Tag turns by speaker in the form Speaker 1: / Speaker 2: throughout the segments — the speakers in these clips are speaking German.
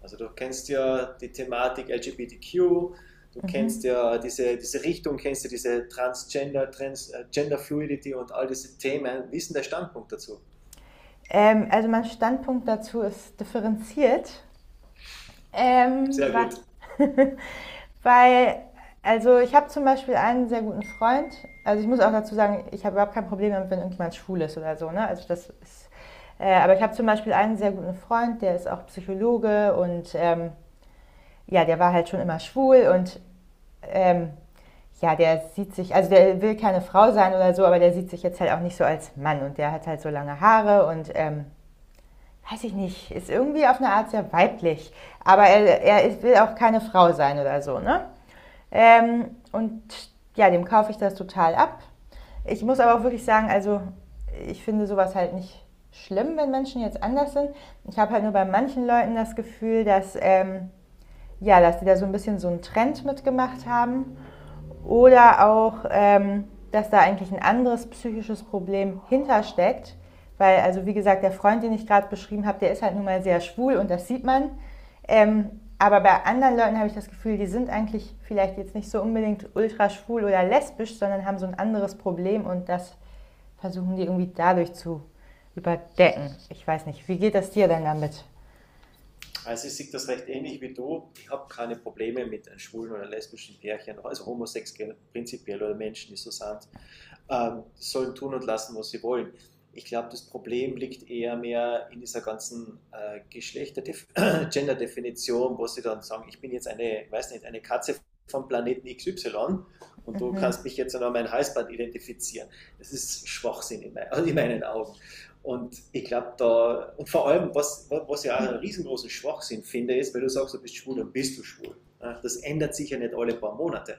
Speaker 1: Also du kennst ja die Thematik LGBTQ, du kennst ja diese Richtung, kennst ja diese Transgender, Trans, Gender Fluidity und all diese Themen. Wie ist denn der Standpunkt dazu?
Speaker 2: Also mein Standpunkt dazu ist differenziert, ähm,
Speaker 1: Sehr gut.
Speaker 2: weil also ich habe zum Beispiel einen sehr guten Freund. Also ich muss auch dazu sagen, ich habe überhaupt kein Problem damit, wenn irgendjemand schwul ist oder so. Ne? Also das ist, aber ich habe zum Beispiel einen sehr guten Freund, der ist auch Psychologe und ja, der war halt schon immer schwul und ähm, ja, der sieht sich, also der will keine Frau sein oder so, aber der sieht sich jetzt halt auch nicht so als Mann und der hat halt so lange Haare und weiß ich nicht, ist irgendwie auf eine Art sehr weiblich. Aber er ist, will auch keine Frau sein oder so, ne? Und ja, dem kaufe ich das total ab. Ich muss aber auch wirklich sagen, also ich finde sowas halt nicht schlimm, wenn Menschen jetzt anders sind. Ich habe halt nur bei manchen Leuten das Gefühl, dass, ja, dass die da so ein bisschen so einen Trend mitgemacht haben oder auch, dass da eigentlich ein anderes psychisches Problem hintersteckt. Weil, also wie gesagt, der Freund, den ich gerade beschrieben habe, der ist halt nun mal sehr schwul und das sieht man. Ähm, aber bei anderen Leuten habe ich das Gefühl, die sind eigentlich vielleicht jetzt nicht so unbedingt ultra schwul oder lesbisch, sondern haben so ein anderes Problem und das versuchen die irgendwie dadurch zu überdecken. Ich weiß nicht, wie geht das dir denn damit?
Speaker 1: Also ich sehe das recht ähnlich wie du. Ich habe keine Probleme mit einem schwulen oder lesbischen Pärchen, also homosexuell prinzipiell oder Menschen, die so sind. Die sollen tun und lassen, was sie wollen. Ich glaube, das Problem liegt eher mehr in dieser ganzen Geschlechter-Gender-Definition, wo sie dann sagen, ich bin jetzt eine, weiß nicht, eine Katze vom Planeten X Y, und du kannst mich jetzt noch an meinem Halsband identifizieren. Das ist Schwachsinn in meinen Augen. Und ich glaube da, und vor allem, was ja auch einen riesengroßen Schwachsinn finde, ist: wenn du sagst, du bist schwul, dann bist du schwul. Ja, das ändert sich ja nicht alle paar Monate.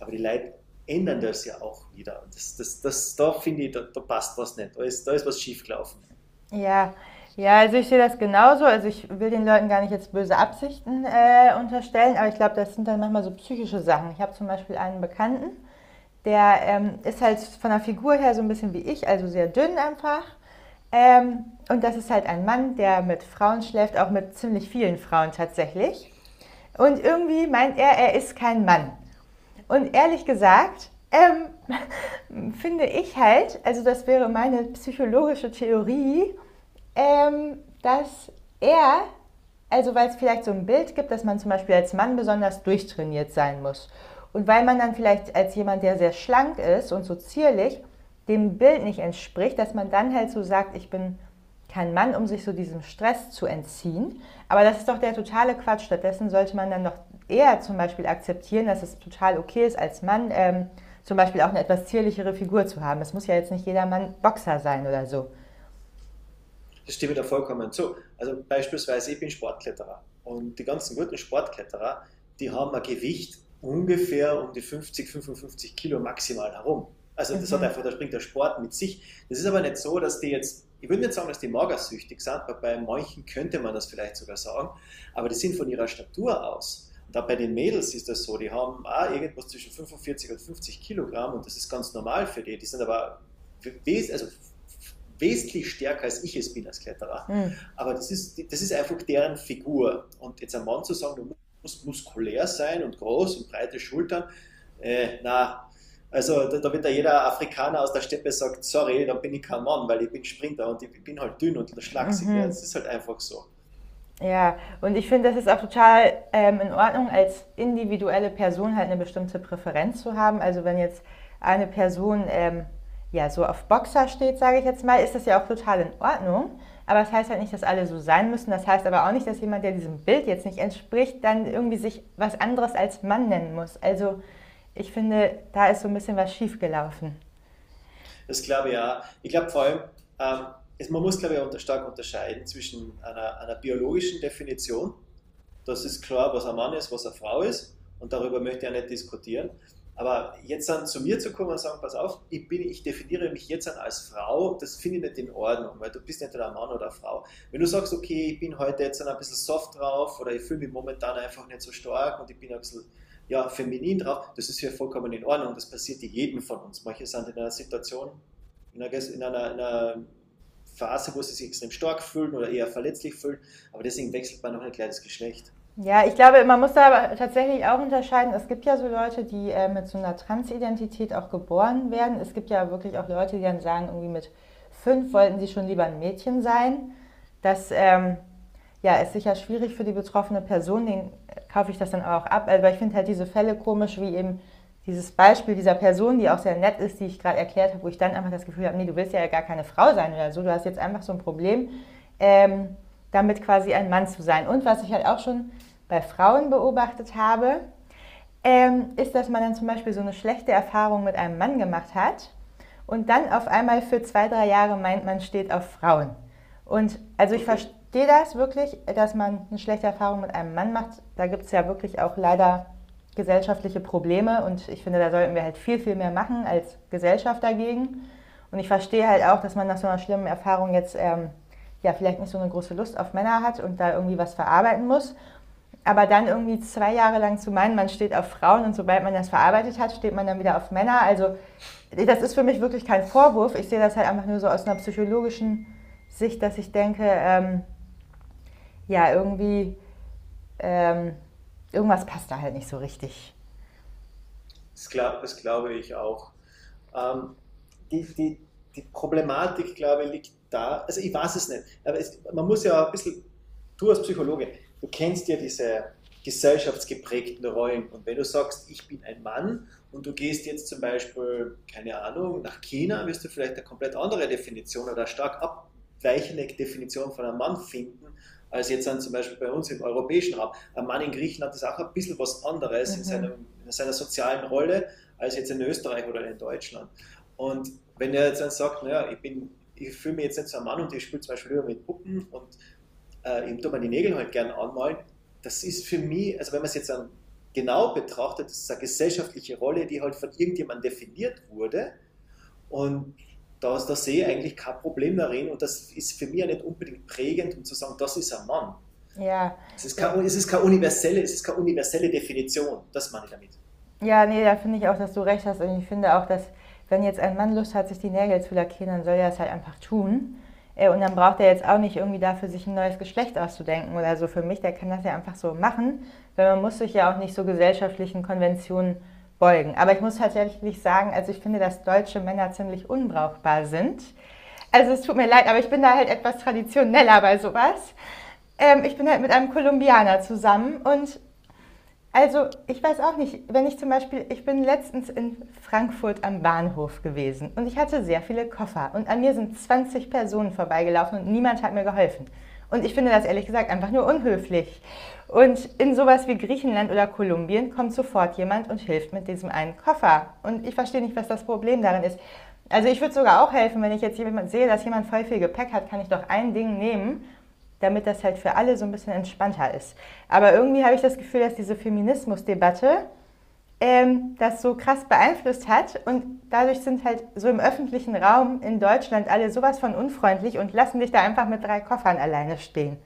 Speaker 1: Aber die Leute ändern das ja auch wieder. Und da finde ich, da passt was nicht. Da ist was schiefgelaufen.
Speaker 2: Ja, ja, also ich sehe das genauso. Also ich will den Leuten gar nicht jetzt böse Absichten unterstellen, aber ich glaube, das sind dann manchmal so psychische Sachen. Ich habe zum Beispiel einen Bekannten, der ist halt von der Figur her so ein bisschen wie ich, also sehr dünn einfach. Und das ist halt ein Mann, der mit Frauen schläft, auch mit ziemlich vielen Frauen tatsächlich. Und irgendwie meint er, er ist kein Mann. Und ehrlich gesagt, finde ich halt, also das wäre meine psychologische Theorie, ähm, dass er, also weil es vielleicht so ein Bild gibt, dass man zum Beispiel als Mann besonders durchtrainiert sein muss. Und weil man dann vielleicht als jemand, der sehr schlank ist und so zierlich, dem Bild nicht entspricht, dass man dann halt so sagt, ich bin kein Mann, um sich so diesem Stress zu entziehen. Aber das ist doch der totale Quatsch. Stattdessen sollte man dann doch eher zum Beispiel akzeptieren, dass es total okay ist, als Mann zum Beispiel auch eine etwas zierlichere Figur zu haben. Es muss ja jetzt nicht jeder Mann Boxer sein oder so.
Speaker 1: Das stimme ich da vollkommen zu. Also beispielsweise, ich bin Sportkletterer und die ganzen guten Sportkletterer, die haben ein Gewicht ungefähr um die 50, 55 Kilo maximal herum. Also das hat einfach, da springt der Sport mit sich. Das ist aber nicht so, dass die jetzt, ich würde nicht sagen, dass die magersüchtig sind, aber bei manchen könnte man das vielleicht sogar sagen, aber die sind von ihrer Statur aus. Und auch bei den Mädels ist das so, die haben auch irgendwas zwischen 45 und 50 Kilogramm und das ist ganz normal für die. Die sind aber wes also wesentlich stärker als ich es bin als Kletterer. Aber das ist einfach deren Figur. Und jetzt einem Mann zu sagen, du musst muskulär sein und groß und breite Schultern, äh, na, also da wird ja jeder Afrikaner aus der Steppe sagt, sorry, dann bin ich kein Mann, weil ich bin Sprinter und ich bin halt dünn und schlaksig. Ne? Das ist halt einfach so.
Speaker 2: Ja, und ich finde, das ist auch total in Ordnung, als individuelle Person halt eine bestimmte Präferenz zu haben. Also wenn jetzt eine Person ja so auf Boxer steht, sage ich jetzt mal, ist das ja auch total in Ordnung. Aber das heißt halt nicht, dass alle so sein müssen. Das heißt aber auch nicht, dass jemand, der diesem Bild jetzt nicht entspricht, dann irgendwie sich was anderes als Mann nennen muss. Also ich finde, da ist so ein bisschen was schiefgelaufen.
Speaker 1: Das glaube ich auch. Ich glaube vor allem, ähm, man muss, glaube ich, stark unterscheiden zwischen einer biologischen Definition. Das ist klar, was ein Mann ist, was eine Frau ist. Und darüber möchte ich auch nicht diskutieren. Aber jetzt dann zu mir zu kommen und sagen: pass auf, ich definiere mich jetzt dann als Frau, das finde ich nicht in Ordnung, weil du bist nicht ein Mann oder eine Frau. Wenn du sagst, okay, ich bin heute jetzt dann ein bisschen soft drauf oder ich fühle mich momentan einfach nicht so stark und ich bin ein bisschen ja, feminin drauf, das ist ja vollkommen in Ordnung. Das passiert jedem von uns. Manche sind in einer Situation, in einer Phase, wo sie sich extrem stark fühlen oder eher verletzlich fühlen, aber deswegen wechselt man noch nicht gleich das Geschlecht.
Speaker 2: Ja, ich glaube, man muss da aber tatsächlich auch unterscheiden. Es gibt ja so Leute, die mit so einer Transidentität auch geboren werden. Es gibt ja wirklich auch Leute, die dann sagen, irgendwie mit 5 wollten sie schon lieber ein Mädchen sein. Das ja, ist sicher schwierig für die betroffene Person, den kaufe ich das dann auch ab. Aber ich finde halt diese Fälle komisch, wie eben dieses Beispiel dieser Person, die auch sehr nett ist, die ich gerade erklärt habe, wo ich dann einfach das Gefühl habe, nee, du willst ja gar keine Frau sein oder so, du hast jetzt einfach so ein Problem, ähm, damit quasi ein Mann zu sein. Und was ich halt auch schon bei Frauen beobachtet habe, ist, dass man dann zum Beispiel so eine schlechte Erfahrung mit einem Mann gemacht hat und dann auf einmal für 2, 3 Jahre meint, man steht auf Frauen. Und also ich
Speaker 1: Okay,
Speaker 2: verstehe das wirklich, dass man eine schlechte Erfahrung mit einem Mann macht. Da gibt es ja wirklich auch leider gesellschaftliche Probleme und ich finde, da sollten wir halt viel, viel mehr machen als Gesellschaft dagegen. Und ich verstehe halt auch, dass man nach so einer schlimmen Erfahrung jetzt ja vielleicht nicht so eine große Lust auf Männer hat und da irgendwie was verarbeiten muss. Aber dann irgendwie 2 Jahre lang zu meinen, man steht auf Frauen und sobald man das verarbeitet hat, steht man dann wieder auf Männer. Also das ist für mich wirklich kein Vorwurf. Ich sehe das halt einfach nur so aus einer psychologischen Sicht, dass ich denke, ja, irgendwie, ähm, irgendwas passt da halt nicht so richtig.
Speaker 1: das glaube ich auch. Ähm, die, die, die Problematik, glaube ich, liegt da, also ich weiß es nicht, aber es, man muss ja ein bisschen du als Psychologe, du kennst ja diese gesellschaftsgeprägten Rollen. Und wenn du sagst, ich bin ein Mann und du gehst jetzt zum Beispiel, keine Ahnung, nach China, wirst du vielleicht eine komplett andere Definition oder eine stark abweichende Definition von einem Mann finden, als jetzt dann zum Beispiel bei uns im europäischen Raum. Ein Mann in Griechenland ist auch ein bisschen was anderes in seiner sozialen Rolle als jetzt in Österreich oder in Deutschland. Und wenn er jetzt dann sagt, naja, ich fühle mich jetzt nicht so ein Mann und ich spiele zum Beispiel lieber mit Puppen und ich tue mir die Nägel halt gerne anmalen, das ist für mich, also wenn man es jetzt dann genau betrachtet, das ist eine gesellschaftliche Rolle, die halt von irgendjemandem definiert wurde, und da sehe ich eigentlich kein Problem darin und das ist für mich ja nicht unbedingt prägend, um zu sagen, das ist ein Mann.
Speaker 2: Ja, ja,
Speaker 1: Es ist keine universelle Definition, das meine ich damit.
Speaker 2: ja, nee, da finde ich auch, dass du recht hast. Und ich finde auch, dass wenn jetzt ein Mann Lust hat, sich die Nägel zu lackieren, dann soll er es halt einfach tun. Und dann braucht er jetzt auch nicht irgendwie dafür, sich ein neues Geschlecht auszudenken oder so. Für mich, der kann das ja einfach so machen, weil man muss sich ja auch nicht so gesellschaftlichen Konventionen beugen. Aber ich muss tatsächlich sagen, also ich finde, dass deutsche Männer ziemlich unbrauchbar sind. Also es tut mir leid, aber ich bin da halt etwas traditioneller bei sowas. Ich bin halt mit einem Kolumbianer zusammen und also ich weiß auch nicht, wenn ich zum Beispiel, ich bin letztens in Frankfurt am Bahnhof gewesen und ich hatte sehr viele Koffer und an mir sind 20 Personen vorbeigelaufen und niemand hat mir geholfen. Und ich finde das ehrlich gesagt einfach nur unhöflich. Und in sowas wie Griechenland oder Kolumbien kommt sofort jemand und hilft mit diesem einen Koffer. Und ich verstehe nicht, was das Problem darin ist. Also ich würde sogar auch helfen, wenn ich jetzt jemand sehe, dass jemand voll viel Gepäck hat, kann ich doch ein Ding nehmen damit das halt für alle so ein bisschen entspannter ist. Aber irgendwie habe ich das Gefühl, dass diese Feminismusdebatte das so krass beeinflusst hat und dadurch sind halt so im öffentlichen Raum in Deutschland alle sowas von unfreundlich und lassen dich da einfach mit 3 Koffern alleine stehen.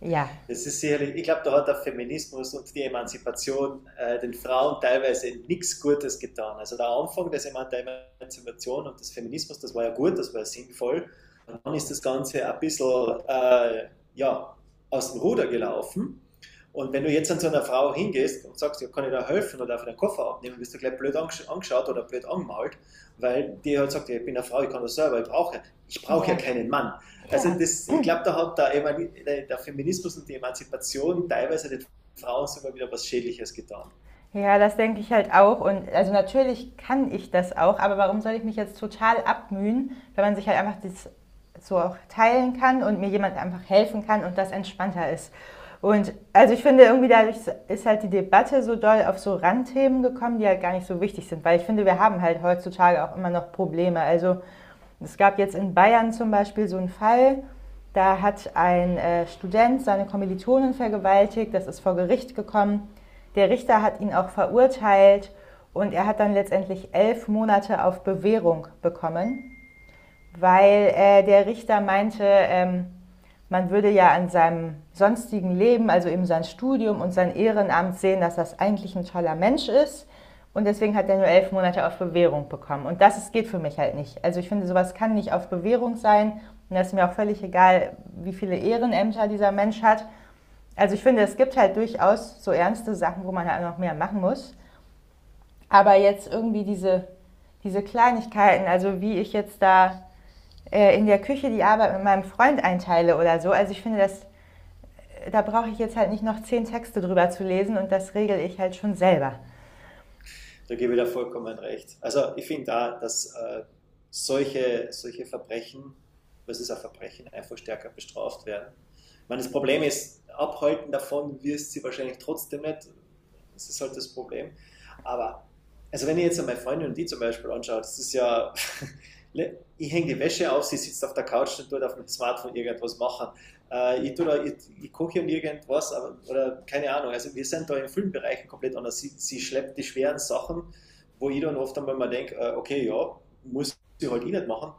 Speaker 2: Ja,
Speaker 1: Es ist sicherlich, ich glaube, da hat der Feminismus und die Emanzipation den Frauen teilweise nichts Gutes getan. Also der Anfang des, Eman der Emanzipation und des Feminismus, das war ja gut, das war ja sinnvoll. Und dann ist das Ganze ein bisschen ja, aus dem Ruder gelaufen. Und wenn du jetzt an so einer Frau hingehst und sagst, ja, kann ich da helfen oder darf ich den Koffer abnehmen, wirst du gleich blöd angeschaut oder blöd angemalt, weil die halt sagt, ja, ich bin eine Frau, ich kann das selber, ich brauche ja
Speaker 2: ja,
Speaker 1: keinen Mann. Also
Speaker 2: ja.
Speaker 1: das, ich glaube, da hat der Feminismus und die Emanzipation teilweise den Frauen sogar wieder was Schädliches getan.
Speaker 2: Ja, das denke ich halt auch. Und also natürlich kann ich das auch, aber warum soll ich mich jetzt total abmühen, wenn man sich halt einfach das so auch teilen kann und mir jemand einfach helfen kann und das entspannter ist. Und also ich finde irgendwie dadurch ist halt die Debatte so doll auf so Randthemen gekommen, die halt gar nicht so wichtig sind, weil ich finde, wir haben halt heutzutage auch immer noch Probleme. Also es gab jetzt in Bayern zum Beispiel so einen Fall, da hat ein Student seine Kommilitonen vergewaltigt, das ist vor Gericht gekommen. Der Richter hat ihn auch verurteilt und er hat dann letztendlich 11 Monate auf Bewährung bekommen, weil der Richter meinte, man würde ja an seinem sonstigen Leben, also eben sein Studium und sein Ehrenamt sehen, dass das eigentlich ein toller Mensch ist. Und deswegen hat er nur 11 Monate auf Bewährung bekommen. Und das geht für mich halt nicht. Also ich finde, sowas kann nicht auf Bewährung sein. Und das ist mir auch völlig egal, wie viele Ehrenämter dieser Mensch hat. Also ich finde, es gibt halt durchaus so ernste Sachen, wo man halt noch mehr machen muss. Aber jetzt irgendwie diese Kleinigkeiten, also wie ich jetzt da in der Küche die Arbeit mit meinem Freund einteile oder so. Also ich finde, das da brauche ich jetzt halt nicht noch 10 Texte drüber zu lesen und das regel ich halt schon selber.
Speaker 1: Da gebe ich da vollkommen recht. Also ich finde da, dass solche Verbrechen, was ist ein Verbrechen, einfach stärker bestraft werden. Ich meine, das Problem ist, abhalten davon wirst sie wahrscheinlich trotzdem nicht. Das ist halt das Problem. Aber, also wenn ich jetzt an meine Freundin und die zum Beispiel anschaue, das ist ja, ich hänge die Wäsche auf, sie sitzt auf der Couch und tut auf dem Smartphone irgendwas machen. Äh, ich, da, ich, ich koche und irgendwas, aber, oder keine Ahnung. Also wir sind da in vielen Bereichen komplett anders. Sie schleppt die schweren Sachen, wo ich dann oft einmal mal denke, okay, ja, muss ich halt eh nicht machen,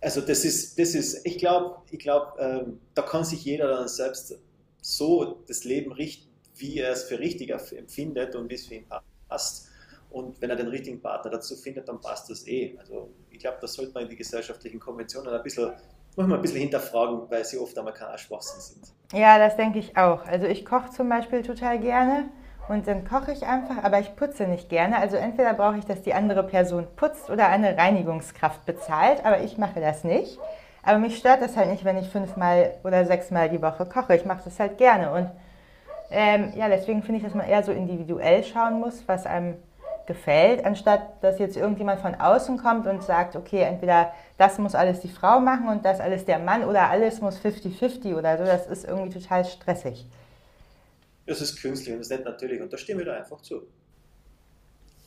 Speaker 1: also das ist, ich glaube, ich glaub, da kann sich jeder dann selbst so das Leben richten, wie er es für richtig empfindet und wie es für ihn passt. Und wenn er den richtigen Partner dazu findet, dann passt das eh. Also ich glaube, das sollte man die gesellschaftlichen Konventionen ein bisschen, manchmal ein bisschen hinterfragen, weil sie oft einmal kein Schwachsinn sind.
Speaker 2: Ja, das denke ich auch. Also ich koche zum Beispiel total gerne und dann koche ich einfach, aber ich putze nicht gerne. Also entweder brauche ich, dass die andere Person putzt oder eine Reinigungskraft bezahlt, aber ich mache das nicht. Aber mich stört das halt nicht, wenn ich fünfmal oder sechsmal die Woche koche. Ich mache das halt gerne und ja, deswegen finde ich, dass man eher so individuell schauen muss, was einem gefällt, anstatt dass jetzt irgendjemand von außen kommt und sagt, okay, entweder das muss alles die Frau machen und das alles der Mann oder alles muss fifty-fifty oder so. Das ist irgendwie total stressig.
Speaker 1: Das ist künstlich und das ist nicht natürlich und da stimmen wir da einfach zu.